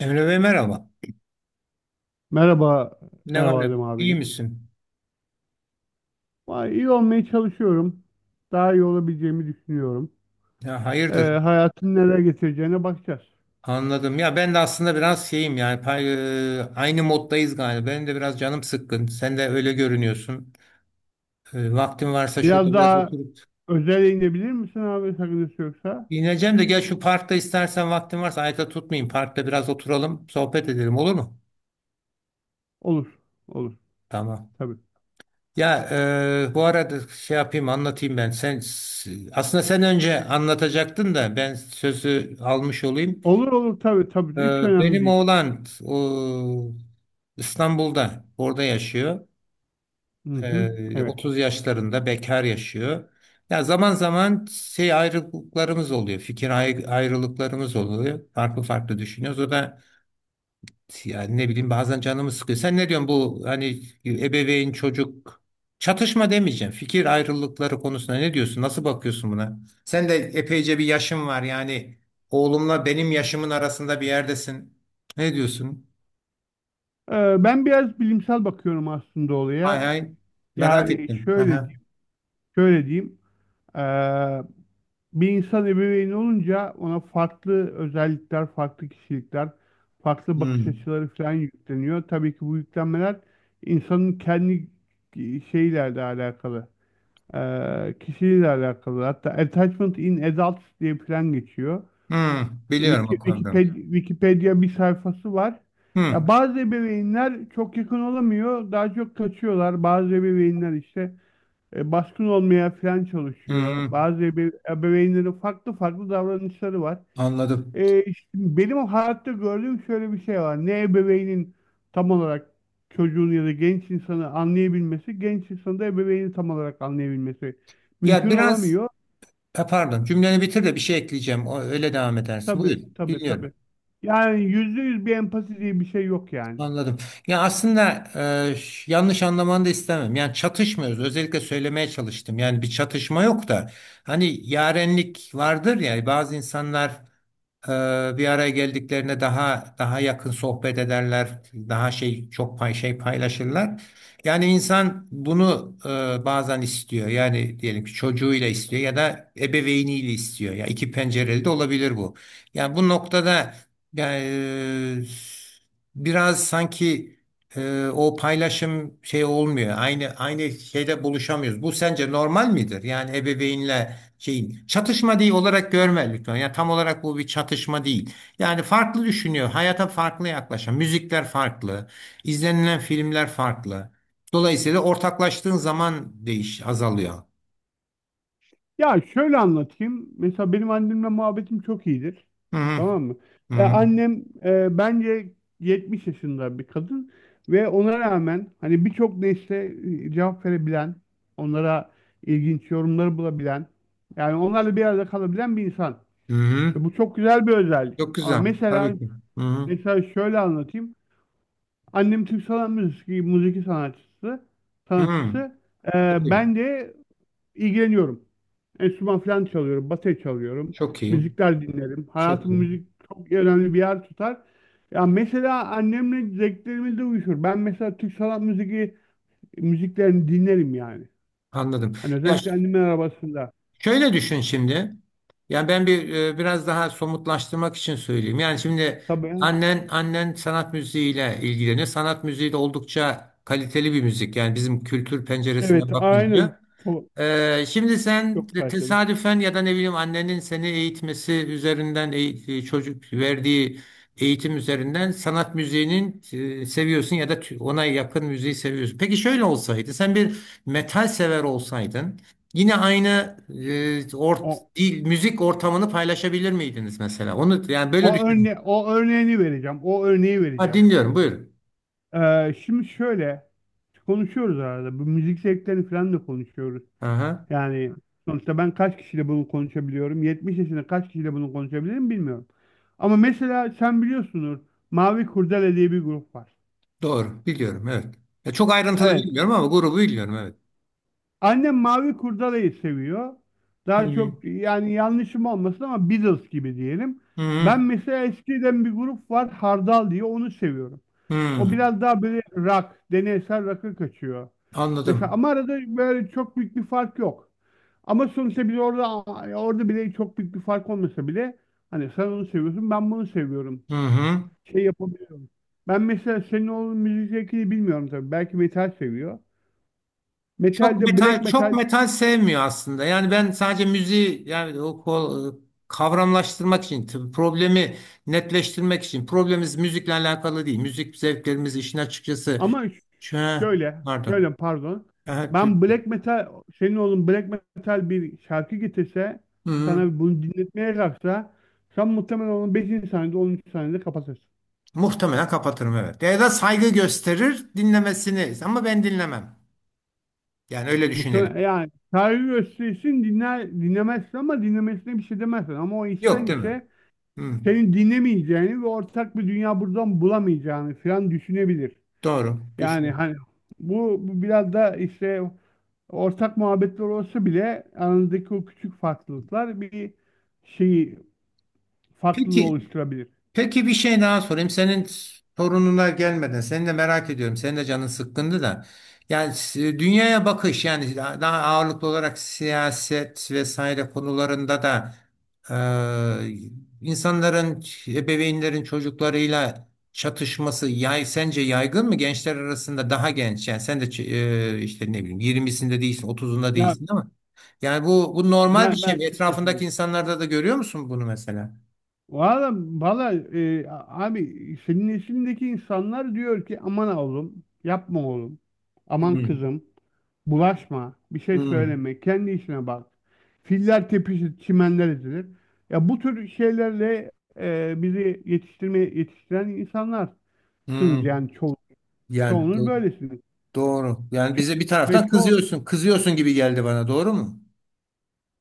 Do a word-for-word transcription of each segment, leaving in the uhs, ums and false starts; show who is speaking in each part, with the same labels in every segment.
Speaker 1: Emre Bey merhaba.
Speaker 2: Merhaba,
Speaker 1: Ne var
Speaker 2: merhaba
Speaker 1: ne yok?
Speaker 2: Adem
Speaker 1: İyi
Speaker 2: abi.
Speaker 1: misin?
Speaker 2: Vay, İyi olmaya çalışıyorum. Daha iyi olabileceğimi düşünüyorum.
Speaker 1: Ya
Speaker 2: Ee,
Speaker 1: hayırdır?
Speaker 2: Hayatın neler getireceğine bakacağız.
Speaker 1: Anladım. Ya ben de aslında biraz şeyim yani pay- e, aynı moddayız galiba. Benim de biraz canım sıkkın. Sen de öyle görünüyorsun. E, vaktin varsa şurada
Speaker 2: Biraz
Speaker 1: biraz
Speaker 2: daha
Speaker 1: oturup
Speaker 2: özele inebilir misin abi, sakıncası yoksa?
Speaker 1: dinleyeceğim de gel şu parkta istersen vaktin varsa ayakta tutmayayım. Parkta biraz oturalım, sohbet edelim, olur mu?
Speaker 2: Olur, olur
Speaker 1: Tamam.
Speaker 2: tabii.
Speaker 1: Ya, e, bu arada şey yapayım anlatayım ben. Sen aslında sen önce anlatacaktın da ben sözü almış olayım.
Speaker 2: Olur olur tabii tabii, hiç
Speaker 1: Ee,
Speaker 2: önemli
Speaker 1: Benim
Speaker 2: değil.
Speaker 1: oğlan o, İstanbul'da, orada yaşıyor.
Speaker 2: Hı hı,
Speaker 1: Ee,
Speaker 2: evet.
Speaker 1: otuz yaşlarında bekar yaşıyor. Ya zaman zaman şey ayrılıklarımız oluyor, fikir ay- ayrılıklarımız oluyor. Farklı farklı düşünüyoruz. O da yani ne bileyim bazen canımı sıkıyor. Sen ne diyorsun, bu hani ebeveyn çocuk çatışma demeyeceğim, fikir ayrılıkları konusunda ne diyorsun? Nasıl bakıyorsun buna? Sen de epeyce bir yaşın var, yani oğlumla benim yaşımın arasında bir yerdesin. Ne diyorsun?
Speaker 2: Ee, ben biraz bilimsel bakıyorum aslında
Speaker 1: Hay
Speaker 2: olaya.
Speaker 1: hay. Merak
Speaker 2: Yani
Speaker 1: ettim.
Speaker 2: şöyle
Speaker 1: Aha.
Speaker 2: diyeyim, şöyle diyeyim. Ee, Bir insan ebeveyni olunca ona farklı özellikler, farklı kişilikler, farklı bakış
Speaker 1: Hmm.
Speaker 2: açıları falan yükleniyor. Tabii ki bu yüklenmeler insanın kendi şeylerle alakalı, eee kişiliğiyle alakalı. Hatta Attachment in Adults diye falan geçiyor.
Speaker 1: Hmm. Biliyorum o
Speaker 2: Wiki-
Speaker 1: konuda.
Speaker 2: Wikipedia, Wikipedia bir sayfası var.
Speaker 1: Hmm.
Speaker 2: Ya bazı ebeveynler çok yakın olamıyor, daha çok kaçıyorlar. Bazı ebeveynler işte e, baskın olmaya falan çalışıyor.
Speaker 1: Hmm.
Speaker 2: Bazı ebe- ebeveynlerin farklı farklı davranışları var.
Speaker 1: Anladım.
Speaker 2: E, işte benim hayatta gördüğüm şöyle bir şey var. Ne ebeveynin tam olarak çocuğun ya da genç insanı anlayabilmesi, genç insanı da ebeveyni tam olarak anlayabilmesi
Speaker 1: Ya
Speaker 2: mümkün
Speaker 1: biraz
Speaker 2: olamıyor.
Speaker 1: ha, Pardon, cümleni bitir de bir şey ekleyeceğim. O, öyle devam edersin.
Speaker 2: Tabii,
Speaker 1: Buyur.
Speaker 2: tabii, tabii.
Speaker 1: Dinliyorum.
Speaker 2: Yani yüzde yüz bir empati diye bir şey yok yani.
Speaker 1: Anladım. Ya aslında e, ş- yanlış anlamanı da istemem. Yani çatışmıyoruz. Özellikle söylemeye çalıştım. Yani bir çatışma yok da hani yarenlik vardır ya bazı insanlar. Ee, bir araya geldiklerine daha daha yakın sohbet ederler, daha şey çok pay şey paylaşırlar. Yani insan bunu e, bazen istiyor. Yani diyelim ki çocuğuyla istiyor ya da ebeveyniyle istiyor. Ya iki pencereli de olabilir bu. Yani bu noktada yani e, biraz sanki e, o paylaşım şey olmuyor. Aynı aynı şeyde buluşamıyoruz. Bu sence normal midir? Yani ebeveynle şeyin çatışma değil olarak görme lütfen. Yani tam olarak bu bir çatışma değil. Yani farklı düşünüyor, hayata farklı yaklaşan, müzikler farklı, izlenilen filmler farklı. Dolayısıyla ortaklaştığın zaman değiş azalıyor.
Speaker 2: Ya şöyle anlatayım. Mesela benim annemle muhabbetim çok iyidir.
Speaker 1: Hı hı.
Speaker 2: Tamam mı?
Speaker 1: Hı
Speaker 2: Ya
Speaker 1: hı.
Speaker 2: annem e, bence yetmiş yaşında bir kadın ve ona rağmen hani birçok nesle e, cevap verebilen, onlara ilginç yorumları bulabilen, yani onlarla bir arada kalabilen bir insan.
Speaker 1: Hı
Speaker 2: Ve
Speaker 1: hı.
Speaker 2: bu çok güzel bir özellik.
Speaker 1: Çok
Speaker 2: Ama
Speaker 1: güzel.
Speaker 2: mesela
Speaker 1: Tabii ki. Hı hı.
Speaker 2: mesela şöyle anlatayım. Annem Türk sanat müziği, müzik sanatçısı,
Speaker 1: Hı.
Speaker 2: sanatçısı. E,
Speaker 1: Çok iyi.
Speaker 2: ben de ilgileniyorum. Enstrüman falan çalıyorum, bateri çalıyorum.
Speaker 1: Çok iyi.
Speaker 2: Müzikler dinlerim.
Speaker 1: Çok
Speaker 2: Hayatım
Speaker 1: iyi.
Speaker 2: müzik çok önemli bir yer tutar. Ya mesela annemle zevklerimiz de uyuşur. Ben mesela Türk sanat müziği müziklerini dinlerim yani.
Speaker 1: Anladım.
Speaker 2: Hani
Speaker 1: Ya,
Speaker 2: özellikle annemin arabasında.
Speaker 1: şöyle düşün şimdi. Yani ben bir e, biraz daha somutlaştırmak için söyleyeyim. Yani şimdi
Speaker 2: Tabii.
Speaker 1: annen annen sanat müziğiyle ilgileniyor. Sanat müziği de oldukça kaliteli bir müzik, yani bizim kültür
Speaker 2: Evet,
Speaker 1: penceresinden
Speaker 2: aynen.
Speaker 1: bakınca.
Speaker 2: Çok,
Speaker 1: Ee, şimdi sen
Speaker 2: çok
Speaker 1: te-
Speaker 2: kaliteli.
Speaker 1: tesadüfen ya da ne bileyim annenin seni eğitmesi üzerinden eğ- e, çocuk verdiği eğitim üzerinden sanat müziğinin e, seviyorsun ya da tü- ona yakın müziği seviyorsun. Peki şöyle olsaydı sen bir metal sever olsaydın yine aynı e, ort,
Speaker 2: O,
Speaker 1: dil, müzik ortamını paylaşabilir miydiniz mesela? Onu yani böyle
Speaker 2: o
Speaker 1: düşünün.
Speaker 2: örne o örneğini vereceğim. O örneği
Speaker 1: Ha,
Speaker 2: vereceğim.
Speaker 1: dinliyorum, buyurun.
Speaker 2: Ee, şimdi şöyle konuşuyoruz arada. Bu müzik zevklerini falan da konuşuyoruz.
Speaker 1: Aha,
Speaker 2: Yani sonuçta ben kaç kişiyle bunu konuşabiliyorum? yetmiş yaşında kaç kişiyle bunu konuşabilirim bilmiyorum. Ama mesela sen biliyorsunuz, Mavi Kurdele diye bir grup var.
Speaker 1: doğru biliyorum, evet. Ya çok ayrıntılı
Speaker 2: Evet.
Speaker 1: bilmiyorum ama grubu biliyorum, evet.
Speaker 2: Annem Mavi Kurdele'yi seviyor.
Speaker 1: Hı
Speaker 2: Daha
Speaker 1: hı.
Speaker 2: çok yani yanlışım olmasın ama Beatles gibi diyelim. Ben mesela eskiden bir grup var Hardal diye, onu seviyorum.
Speaker 1: Hı
Speaker 2: O
Speaker 1: hı.
Speaker 2: biraz daha böyle rock, deneysel rock'a kaçıyor. Mesela
Speaker 1: Anladım.
Speaker 2: ama arada böyle çok büyük bir fark yok. Ama sonuçta biz orada orada bile çok büyük bir fark olmasa bile hani sen onu seviyorsun, ben bunu seviyorum.
Speaker 1: Hı hı.
Speaker 2: Şey yapabiliyorum. Ben mesela senin oğlun müzik zevkini bilmiyorum tabii. Belki metal seviyor.
Speaker 1: Çok
Speaker 2: Metalde black
Speaker 1: metal, çok
Speaker 2: metal
Speaker 1: metal sevmiyor aslında. Yani ben sadece müziği, yani o ko- kavramlaştırmak için, tabii problemi netleştirmek için. Problemimiz müzikle alakalı değil. Müzik zevklerimiz işin açıkçası.
Speaker 2: ama
Speaker 1: Şu, ha,
Speaker 2: şöyle
Speaker 1: pardon.
Speaker 2: şöyle pardon.
Speaker 1: Ha. dü-
Speaker 2: Ben black metal, senin oğlun black metal bir şarkı getirse,
Speaker 1: Hı hı.
Speaker 2: sana bunu dinletmeye kalksa sen muhtemelen onun beşinci saniyede onuncu saniyede kapatırsın.
Speaker 1: Muhtemelen kapatırım, evet. Ya da saygı gösterir dinlemesini ama ben dinlemem. Yani öyle
Speaker 2: Muhtemelen
Speaker 1: düşünelim.
Speaker 2: yani saygı gösterirsin dinler, dinlemezsin ama dinlemesine bir şey demezsin. Ama o
Speaker 1: Yok,
Speaker 2: içten
Speaker 1: değil mi?
Speaker 2: içe
Speaker 1: Hı,
Speaker 2: senin dinlemeyeceğini ve ortak bir dünya buradan bulamayacağını falan düşünebilir.
Speaker 1: doğru.
Speaker 2: Yani
Speaker 1: Düşün.
Speaker 2: hani bu, bu biraz da işte ortak muhabbetler olsa bile aranızdaki o küçük farklılıklar bir şeyi, farklılığı
Speaker 1: Peki.
Speaker 2: oluşturabilir.
Speaker 1: Peki bir şey daha sorayım. Senin torununa gelmeden seni de merak ediyorum. Senin de canın sıkkındı da. Yani s- dünyaya bakış, yani daha ağırlıklı olarak siyaset vesaire konularında da e, insanların, ebeveynlerin çocuklarıyla çatışması yay, sence yaygın mı gençler arasında, daha genç yani sen de ç- e, işte ne bileyim, yirmisinde değilsin otuzunda
Speaker 2: Ya
Speaker 1: değilsin ama yani bu bu normal bir
Speaker 2: ben
Speaker 1: şey
Speaker 2: ben
Speaker 1: mi?
Speaker 2: kırk
Speaker 1: Etrafındaki
Speaker 2: yaşındayım.
Speaker 1: insanlarda da görüyor musun bunu mesela?
Speaker 2: Valla, valla, e, abi senin neslindeki insanlar diyor ki aman oğlum, yapma oğlum, aman
Speaker 1: Hmm.
Speaker 2: kızım, bulaşma, bir şey
Speaker 1: Hmm.
Speaker 2: söyleme, kendi işine bak. Filler tepişir, çimenler ezilir. Ya bu tür şeylerle e, bizi yetiştirme yetiştiren insanlarsınız
Speaker 1: Hmm,
Speaker 2: yani ço
Speaker 1: yani
Speaker 2: çoğunuz
Speaker 1: do-
Speaker 2: böylesiniz.
Speaker 1: doğru. Yani
Speaker 2: Ço
Speaker 1: bize bir
Speaker 2: ve
Speaker 1: taraftan
Speaker 2: ço
Speaker 1: kızıyorsun, kızıyorsun gibi geldi bana, doğru mu?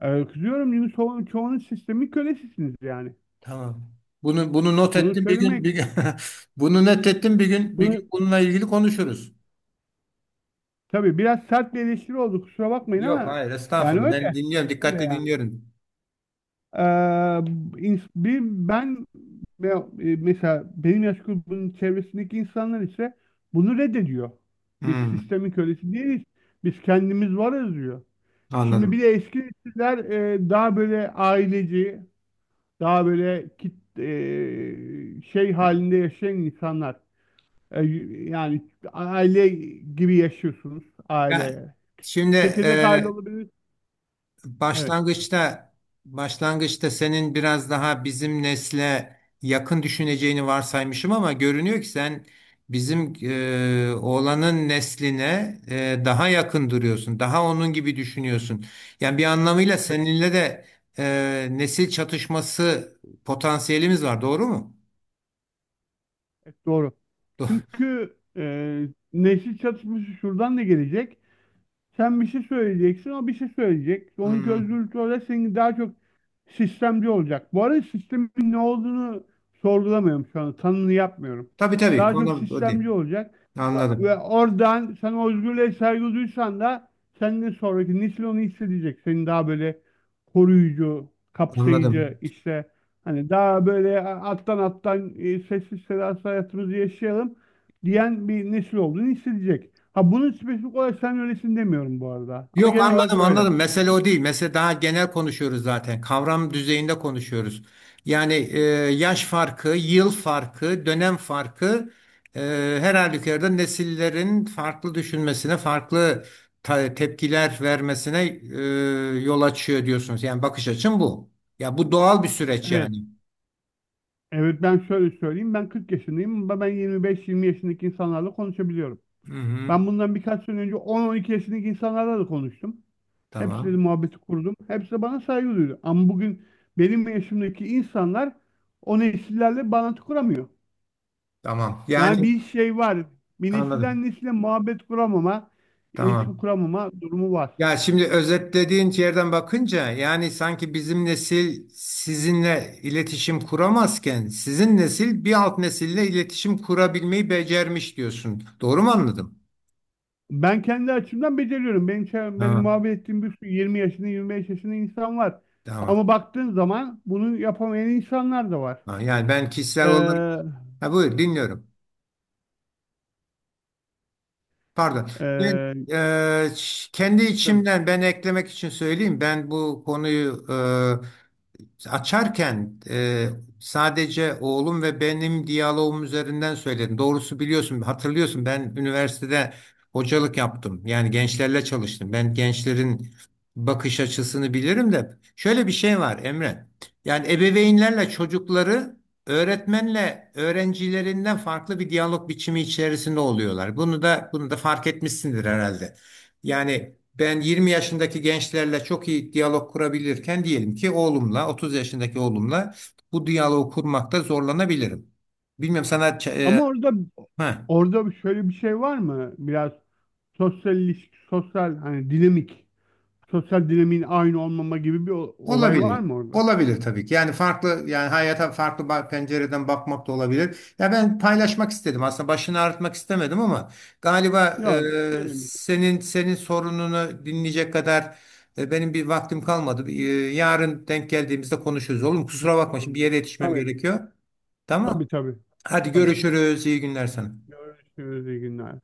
Speaker 2: e, Kızıyorum çünkü ço çoğunuz sistemin kölesisiniz yani.
Speaker 1: Tamam. Bunu bunu not
Speaker 2: Bunu
Speaker 1: ettim bir gün
Speaker 2: söylemek,
Speaker 1: bir gün bunu not ettim bir gün bir gün
Speaker 2: bunu
Speaker 1: bununla ilgili konuşuruz.
Speaker 2: Tabii biraz sert bir eleştiri oldu, kusura bakmayın
Speaker 1: Yok
Speaker 2: ama
Speaker 1: hayır,
Speaker 2: yani
Speaker 1: estağfurullah,
Speaker 2: öyle
Speaker 1: ben dinliyorum,
Speaker 2: öyle
Speaker 1: dikkatle
Speaker 2: yani.
Speaker 1: dinliyorum.
Speaker 2: Ee, ins- bir, ben ve- e, Mesela benim yaş grubunun çevresindeki insanlar ise bunu reddediyor. Biz
Speaker 1: Hmm,
Speaker 2: sistemin kölesi değiliz. Biz kendimiz varız diyor. Şimdi bir
Speaker 1: anladım.
Speaker 2: de eski nesiller e, daha böyle aileci, daha böyle kit, e, şey halinde yaşayan insanlar. E, Yani aile gibi yaşıyorsunuz.
Speaker 1: Ya
Speaker 2: Aile.
Speaker 1: şimdi
Speaker 2: Çekirdek aile olabilir. Evet.
Speaker 1: başlangıçta başlangıçta senin biraz daha bizim nesle yakın düşüneceğini varsaymışım ama görünüyor ki sen bizim e, oğlanın nesline e, daha yakın duruyorsun. Daha onun gibi düşünüyorsun. Yani bir anlamıyla
Speaker 2: Tabii.
Speaker 1: seninle de e, nesil çatışması potansiyelimiz var. Doğru mu?
Speaker 2: Evet, doğru.
Speaker 1: Do-
Speaker 2: Çünkü e, nesil çatışması şuradan da gelecek. Sen bir şey söyleyeceksin, o bir şey söyleyecek. Onun
Speaker 1: Hmm.
Speaker 2: özgürlükleri olarak senin daha çok sistemci olacak. Bu arada sistemin ne olduğunu sorgulamıyorum şu anda. Tanını yapmıyorum.
Speaker 1: Tabii tabii
Speaker 2: Daha çok
Speaker 1: konu o değil.
Speaker 2: sistemci olacak. Ve ve
Speaker 1: Anladım.
Speaker 2: oradan sen o özgürlüğe saygı duysan da senden sonraki nesil onu hissedecek. Seni daha böyle koruyucu,
Speaker 1: Anladım.
Speaker 2: kapsayıcı işte hani daha böyle alttan alttan, e, sessiz sedasız hayatımızı yaşayalım diyen bir nesil olduğunu hissedecek. Ha bunu spesifik olarak sen öylesin demiyorum bu arada. Ama
Speaker 1: Yok,
Speaker 2: genel olarak
Speaker 1: anladım,
Speaker 2: böyle.
Speaker 1: anladım. Mesele o değil. Mesele daha genel konuşuyoruz zaten. Kavram düzeyinde konuşuyoruz. Yani e, yaş farkı, yıl farkı, dönem farkı e, her halükarda nesillerin farklı düşünmesine, farklı ta- tepkiler vermesine e, yol açıyor diyorsunuz. Yani bakış açım bu. Ya bu doğal bir süreç
Speaker 2: Evet.
Speaker 1: yani.
Speaker 2: Evet, ben şöyle söyleyeyim. Ben kırk yaşındayım ama ben yirmi beş yirmi yaşındaki insanlarla konuşabiliyorum.
Speaker 1: Hı hı.
Speaker 2: Ben bundan birkaç sene önce on on iki yaşındaki insanlarla da konuştum. Hepsiyle de
Speaker 1: Tamam.
Speaker 2: muhabbeti kurdum. Hepsi de bana saygı duydu. Ama bugün benim yaşımdaki insanlar o nesillerle bağlantı kuramıyor.
Speaker 1: Tamam.
Speaker 2: Yani
Speaker 1: Yani
Speaker 2: bir şey var. Bir
Speaker 1: anladım.
Speaker 2: nesilden nesile muhabbet kuramama, iletişim
Speaker 1: Tamam.
Speaker 2: kuramama durumu var.
Speaker 1: Ya şimdi özetlediğin yerden bakınca yani sanki bizim nesil sizinle iletişim kuramazken sizin nesil bir alt nesille iletişim kurabilmeyi becermiş diyorsun. Doğru mu anladım?
Speaker 2: Ben kendi açımdan beceriyorum. Benim, çev- benim
Speaker 1: Ha,
Speaker 2: muhabbet ettiğim bir sürü yirmi yaşında yirmi beş yaşında insan var.
Speaker 1: tamam.
Speaker 2: Ama baktığın zaman bunu yapamayan insanlar da var.
Speaker 1: Ha, yani ben kişisel olarak
Speaker 2: Ee,
Speaker 1: ha, buyur, dinliyorum. Pardon. Ben
Speaker 2: ee,
Speaker 1: e, ş- kendi
Speaker 2: tabii.
Speaker 1: içimden ben eklemek için söyleyeyim. Ben bu konuyu e, açarken e, sadece oğlum ve benim diyaloğum üzerinden söyledim. Doğrusu biliyorsun, hatırlıyorsun, ben üniversitede hocalık yaptım. Yani gençlerle çalıştım. Ben gençlerin bakış açısını bilirim de şöyle bir şey var Emre. Yani ebeveynlerle çocukları, öğretmenle öğrencilerinden farklı bir diyalog biçimi içerisinde oluyorlar. Bunu da bunu da fark etmişsindir herhalde. Yani ben yirmi yaşındaki gençlerle çok iyi diyalog kurabilirken diyelim ki oğlumla otuz yaşındaki oğlumla bu diyaloğu kurmakta zorlanabilirim. Bilmiyorum sana ç- e,
Speaker 2: Ama orada
Speaker 1: ha.
Speaker 2: orada şöyle bir şey var mı? Biraz sosyal ilişki, sosyal hani dinamik, sosyal dinamiğin aynı olmama gibi bir o- olay var
Speaker 1: Olabilir.
Speaker 2: mı orada?
Speaker 1: Olabilir tabii ki. Yani farklı yani hayata farklı ba- pencereden bakmak da olabilir. Ya ben paylaşmak istedim. Aslında başını ağrıtmak istemedim ama galiba
Speaker 2: Yok,
Speaker 1: e,
Speaker 2: benim
Speaker 1: senin senin sorununu dinleyecek kadar e, benim bir vaktim kalmadı. E, yarın denk geldiğimizde konuşuruz. Oğlum
Speaker 2: hiç
Speaker 1: kusura bakma, şimdi bir
Speaker 2: sorun
Speaker 1: yere
Speaker 2: değil.
Speaker 1: yetişmem
Speaker 2: Tabii,
Speaker 1: gerekiyor. Tamam.
Speaker 2: tabii, tabii.
Speaker 1: Hadi
Speaker 2: Tabii.
Speaker 1: görüşürüz. İyi günler sana.
Speaker 2: Görüşürüz, iyi günler.